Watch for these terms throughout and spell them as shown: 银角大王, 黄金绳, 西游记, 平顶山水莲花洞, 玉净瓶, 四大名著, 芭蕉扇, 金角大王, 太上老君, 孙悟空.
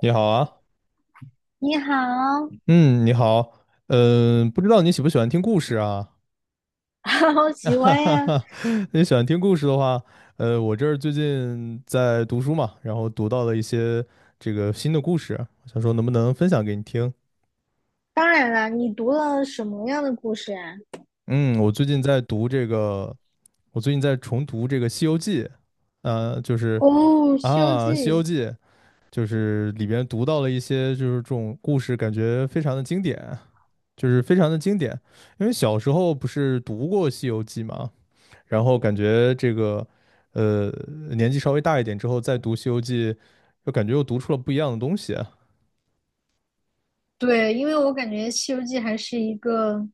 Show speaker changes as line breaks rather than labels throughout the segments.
你好啊，
你好，
嗯，你好，不知道你喜不喜欢听故事啊？
好 喜
哈
欢
哈
呀！
哈，你喜欢听故事的话，我这儿最近在读书嘛，然后读到了一些这个新的故事，想说能不能分享给你听？
当然啦，你读了什么样的故事啊？
嗯，我最近在读这个，我最近在重读这个《西游记》，呃，就是
哦，《西游
啊，
记》。
《西游记》就是里边读到了一些就是这种故事，感觉非常的经典。就是非常的经典。因为小时候不是读过《西游记》嘛，然后感觉呃年纪稍微大一点之后再读《西游记》，就感觉又读出了不一样的东西啊。
对，因为我感觉《西游记》还是一个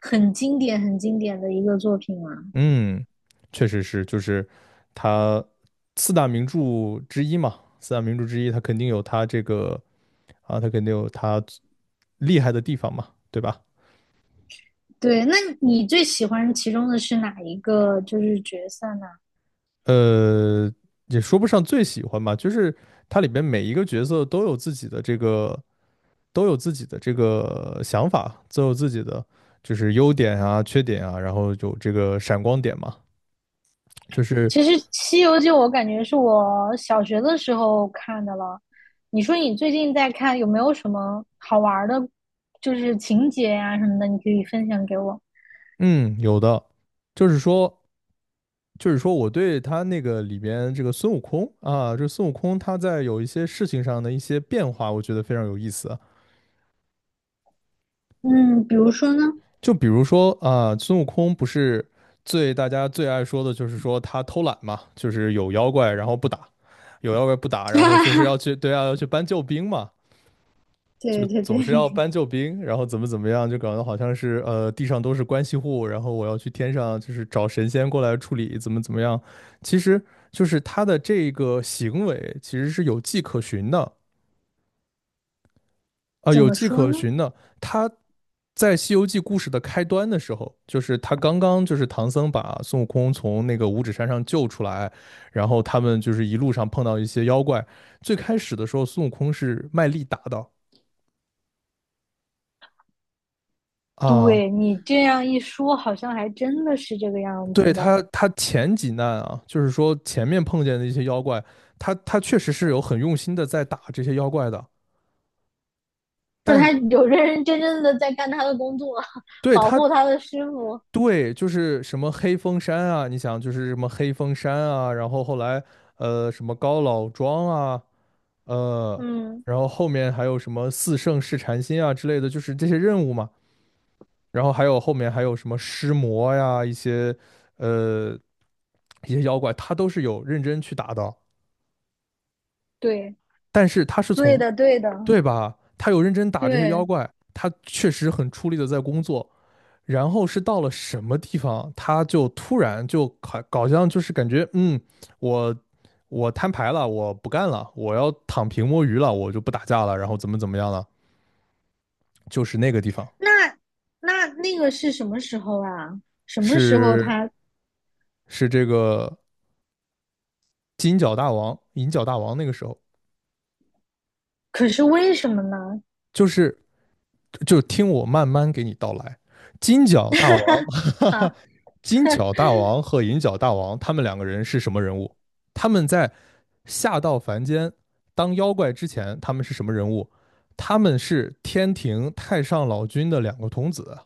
很经典、很经典的一个作品嘛。
嗯，确实是，就是它四大名著之一嘛，四大名著之一，它肯定有它啊，它肯定有它厉害的地方嘛，对吧？
对，那你最喜欢其中的是哪一个就是角色呢？
呃，也说不上最喜欢吧，就是它里边每一个角色都有自己的都有自己的这个想法，都有自己的就是优点啊、缺点啊，然后有这个闪光点嘛，就是
其实《西游记》我感觉是我小学的时候看的了。你说你最近在看，有没有什么好玩儿的，就是情节呀、什么的，你可以分享给我。
嗯，有的，就是说。就是说，我对他那个里边这个孙悟空啊，这孙悟空他在有一些事情上的一些变化，我觉得非常有意思。
嗯，比如说呢？
就比如说啊，孙悟空不是大家最爱说的就是说他偷懒嘛，就是有妖怪然后不打，有妖怪不打，然后就是 要去对啊要去搬救兵嘛。就
对对
总是要
对，
搬救兵，然后怎么怎么样，就搞得好像是地上都是关系户，然后我要去天上就是找神仙过来处理，怎么怎么样。其实就是他的这个行为其实是有迹可循的，
怎
有
么
迹
说
可
呢？
循的。他在《西游记》故事的开端的时候，就是他刚刚就是唐僧把孙悟空从那个五指山上救出来，然后他们就是一路上碰到一些妖怪。最开始的时候，孙悟空是卖力打的啊。
对你这样一说，好像还真的是这个样
对
子的。
他，他前几难啊，就是说前面碰见的一些妖怪，他确实是有很用心的在打这些妖怪的，
就
但
他有认认真真的在干他的工作，
对
保
他
护他的师傅。
对就是什么黑风山啊，你想就是什么黑风山啊，然后后来什么高老庄啊，呃，
嗯，
然后后面还有什么四圣试禅心啊之类的，就是这些任务嘛，然后还有后面还有什么尸魔呀，呃一些妖怪，他都是有认真去打的。
对，
但是他是
对
从
的，对的，
对吧？他有认真打这些妖
对。
怪，他确实很出力的在工作。然后是到了什么地方，他就突然就好像就是感觉，嗯，我我摊牌了，我不干了，我要躺平摸鱼了，我就不打架了，然后怎么怎么样了？就是那个地方，
那那个是什么时候啊？什么时候
是
他？
是这个金角大王、银角大王那个时候，
可是为什么呢？
就是就听我慢慢给你道来，金角大王
哈，
金角大王和银角大王他们两个人是什么人物？他们在下到凡间当妖怪之前，他们是什么人物？他们是天庭太上老君的两个童子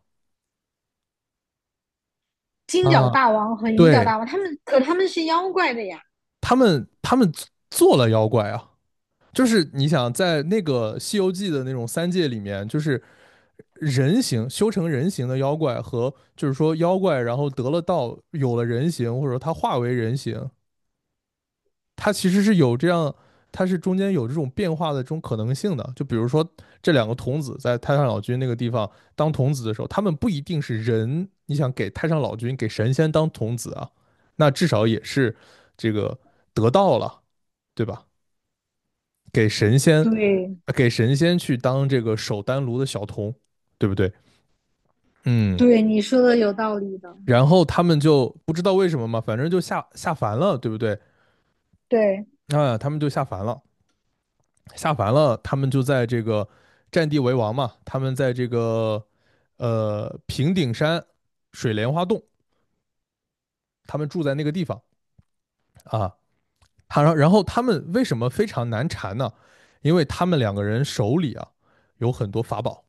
金角
啊，
大王和银角
对
大王，他们是妖怪的呀。
他们做了妖怪啊，就是你想在那个《西游记》的那种三界里面，就是人形修成人形的妖怪和就是说妖怪，然后得了道，有了人形，或者说他化为人形，它其实是有这样，它是中间有这种变化的这种可能性的。就比如说这两个童子在太上老君那个地方当童子的时候，他们不一定是人，你想给太上老君给神仙当童子啊，那至少也是这个得道了，对吧？给神仙，
对，
给神仙去当这个守丹炉的小童，对不对？嗯，
对，你说的有道理的。
然后他们就不知道为什么嘛，反正就下凡了，对不对？
对，
啊，他们就下凡了。下凡了，他们就在这个占地为王嘛，他们在这个平顶山水莲花洞，他们住在那个地方啊。他然后他们为什么非常难缠呢？因为他们两个人手里啊有很多法宝，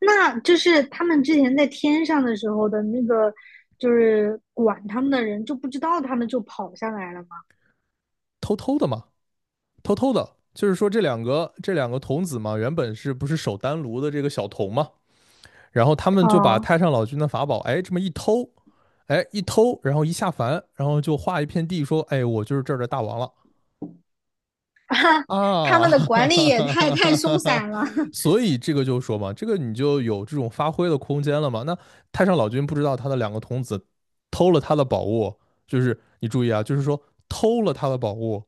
那就是他们之前在天上的时候的那个，就是管他们的人就不知道他们就跑下来了吗？
偷偷的嘛，偷偷的。就是说这两个童子嘛，原本是不是守丹炉的这个小童嘛？然后他们就把
哦，
太上老君的法宝，哎，这么一偷，哎，一偷，然后一下凡，然后就画一片地，说，哎，我就是这儿的大王了。
他
啊，
们的管理也太松 散了。
所以这个就说嘛，这个你就有这种发挥的空间了嘛。那太上老君不知道他的两个童子偷了他的宝物，就是你注意啊，就是说偷了他的宝物，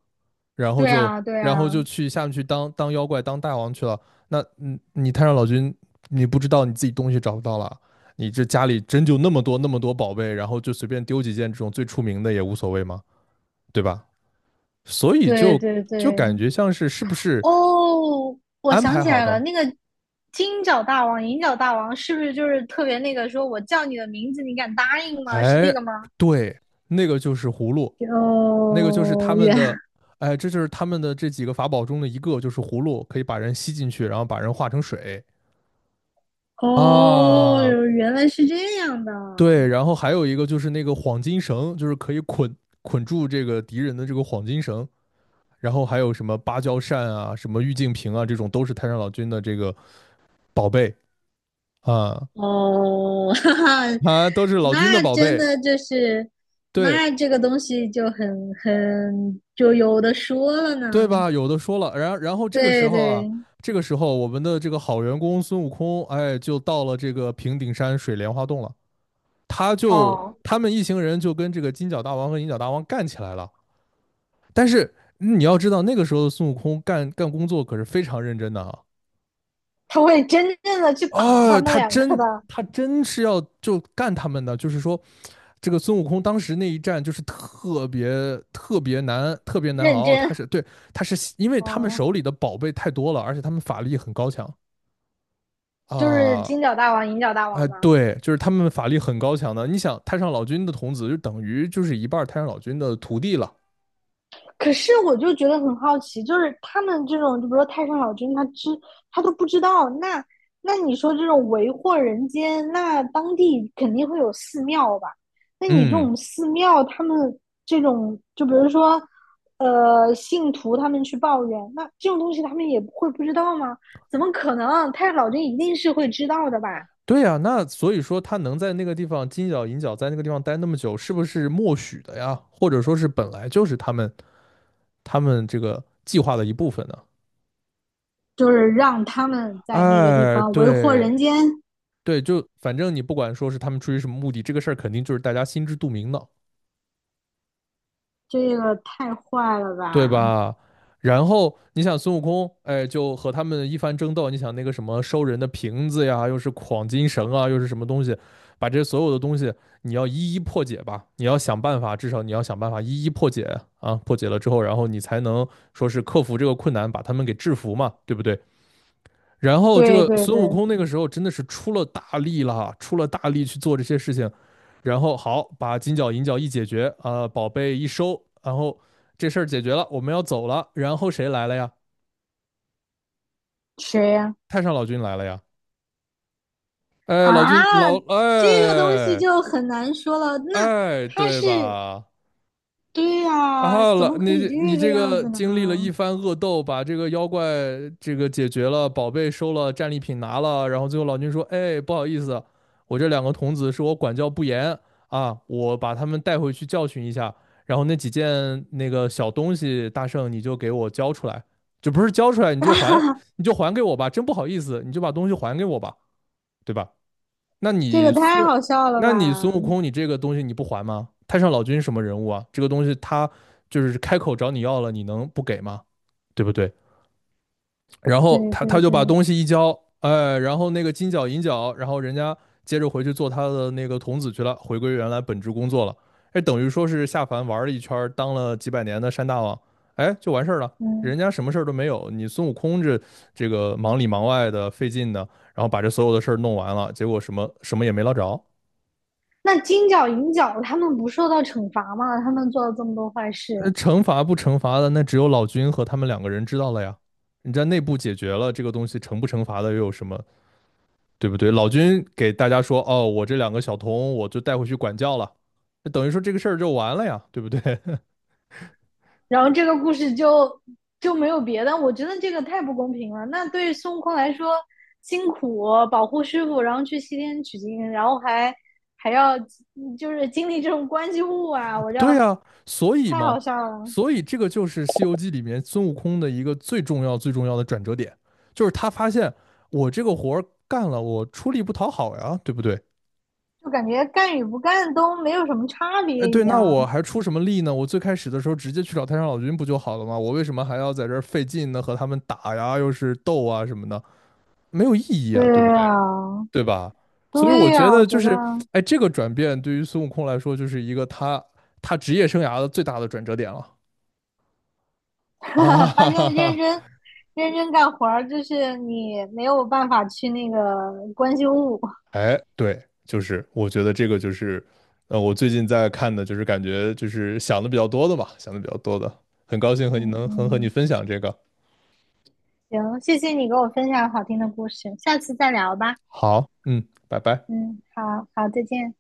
然后
对
就
啊，对
然后
啊，
就去下面去当妖怪当大王去了。那嗯，你太上老君，你不知道你自己东西找不到了，你这家里真就那么多宝贝，然后就随便丢几件这种最出名的也无所谓嘛，对吧？所以
对
就
对
就
对。
感觉像是是不是
哦，我
安
想
排
起
好
来了，
的。
那个金角大王、银角大王是不是就是特别那个说我叫你的名字，你敢答应吗？是那
哎，
个吗？
对，那个就是葫芦，那个就是他
哦，
们的，哎，这就是他们的这几个法宝中的一个，就是葫芦，可以把人吸进去，然后把人化成水
哦，
啊。
原来是这样的。
对，然后还有一个就是那个黄金绳，就是可以捆住这个敌人的这个黄金绳。然后还有什么芭蕉扇啊、什么玉净瓶啊，这种都是太上老君的这个宝贝啊
哦，哈哈，
啊，都是老君的
那
宝
真
贝。
的就是，
对，
那这个东西就很就有的说了
对
呢。
吧？有的说了，然后这个时
对
候啊，
对，
这个时候我们的这个好员工孙悟空，哎，就到了这个平顶山水莲花洞了。
哦，
他们一行人就跟这个金角大王和银角大王干起来了。但是嗯你要知道，那个时候的孙悟空干工作可是非常认真的啊，
他会真正的去打他
啊，
们两个的，
他真是要就干他们的，就是说，这个孙悟空当时那一战就是特别特别难，特别难
认
熬。
真。
他是对，他是因为他们
哦，
手里的宝贝太多了，而且他们法力很高强
就是
啊。
金角大王、银角大
哎，
王嘛。
对，就是他们法力很高强的。你想，太上老君的童子就等于就是一半太上老君的徒弟了。
可是我就觉得很好奇，就是他们这种，就比如说太上老君，他都不知道。那你说这种为祸人间，那当地肯定会有寺庙吧？那你这
嗯，
种寺庙，他们这种，就比如说，信徒他们去抱怨，那这种东西他们也会不知道吗？怎么可能？太上老君一定是会知道的吧？
对呀，那所以说他能在那个地方金角银角在那个地方待那么久，是不是默许的呀？或者说是本来就是他们这个计划的一部分呢？
就是让他们在那个地
哎，
方为祸
对
人间，
对，就反正你不管说是他们出于什么目的，这个事儿肯定就是大家心知肚明的。
这个太坏了
对
吧？
吧？然后你想孙悟空，哎，就和他们一番争斗。你想那个什么收人的瓶子呀，又是晃金绳啊，又是什么东西，把这所有的东西你要一一破解吧，你要想办法，至少你要想办法一一破解啊。破解了之后，然后你才能说是克服这个困难，把他们给制服嘛，对不对？然后这
对
个
对
孙悟
对，
空那个时候真的是出了大力了，出了大力去做这些事情，然后好把金角银角一解决啊、宝贝一收，然后这事儿解决了，我们要走了，然后谁来了呀？
谁呀、
太上老君来了呀！哎，老君
啊，
老
这个东西
哎
就很难说了。那
哎，
他
对
是，
吧？
对
然
呀，
后
怎么可以
你
这个
这
样
个
子呢？
经历了一番恶斗，把这个妖怪这个解决了，宝贝收了，战利品拿了，然后最后老君说："哎，不好意思，我这两个童子是我管教不严啊，我把他们带回去教训一下。然后那几件那个小东西，大圣你就给我交出来，你就还，你就还给我吧，真不好意思，你就把东西还给我吧，对吧？"那
这
你
个太
孙，
好笑了
那
吧？
你孙悟空，你这个东西你不还吗？太上老君什么人物啊？这个东西他就是开口找你要了，你能不给吗？对不对？然后
对
他
对
他就把
对，
东西一交，哎，然后那个金角银角，然后人家接着回去做他的那个童子去了，回归原来本职工作了。哎，等于说是下凡玩了一圈儿当了几百年的山大王，哎，就完事儿了。人
嗯。
家什么事儿都没有，你孙悟空这个忙里忙外的费劲的，然后把这所有的事儿弄完了，结果什么什么也没捞着。
那金角银角他们不受到惩罚吗？他们做了这么多坏事，
惩罚不惩罚的，那只有老君和他们两个人知道了呀。你在内部解决了这个东西，惩不惩罚的又有什么，对不对？老君给大家说，哦，我这两个小童，我就带回去管教了，等于说这个事儿就完了呀，对不对？
然后这个故事就没有别的。我觉得这个太不公平了。那对孙悟空来说，辛苦保护师傅，然后去西天取经，然后还要就是经历这种关系户啊，我
对
要
呀，所以
太
嘛，
好笑了，
所以这个就是《西游记》里面孙悟空的一个最重要、最重要的转折点，就是他发现我这个活儿干了，我出力不讨好呀，对不对？
就感觉干与不干都没有什么差
哎，
别一
对，那我
样。
还出什么力呢？我最开始的时候直接去找太上老君不就好了吗？我为什么还要在这儿费劲呢？和他们打呀，又是斗啊什么的，没有意义
对
啊，对不对？
啊，
对吧？所以我
对
觉
呀，
得
我
就
觉得
是，哎，这个转变对于孙悟空来说，就是一个他职业生涯的最大的转折点了啊！
发
哈哈
现认
哈，
真认真干活儿，就是你没有办法去那个关心物。
哎，对，就是我觉得这个就是，我最近在看的，就是感觉就是想的比较多的吧，想的比较多的，很高兴和你
嗯，
分享这个。
行，谢谢你给我分享好听的故事，下次再聊吧。
好，嗯，拜拜。
嗯，好好，再见。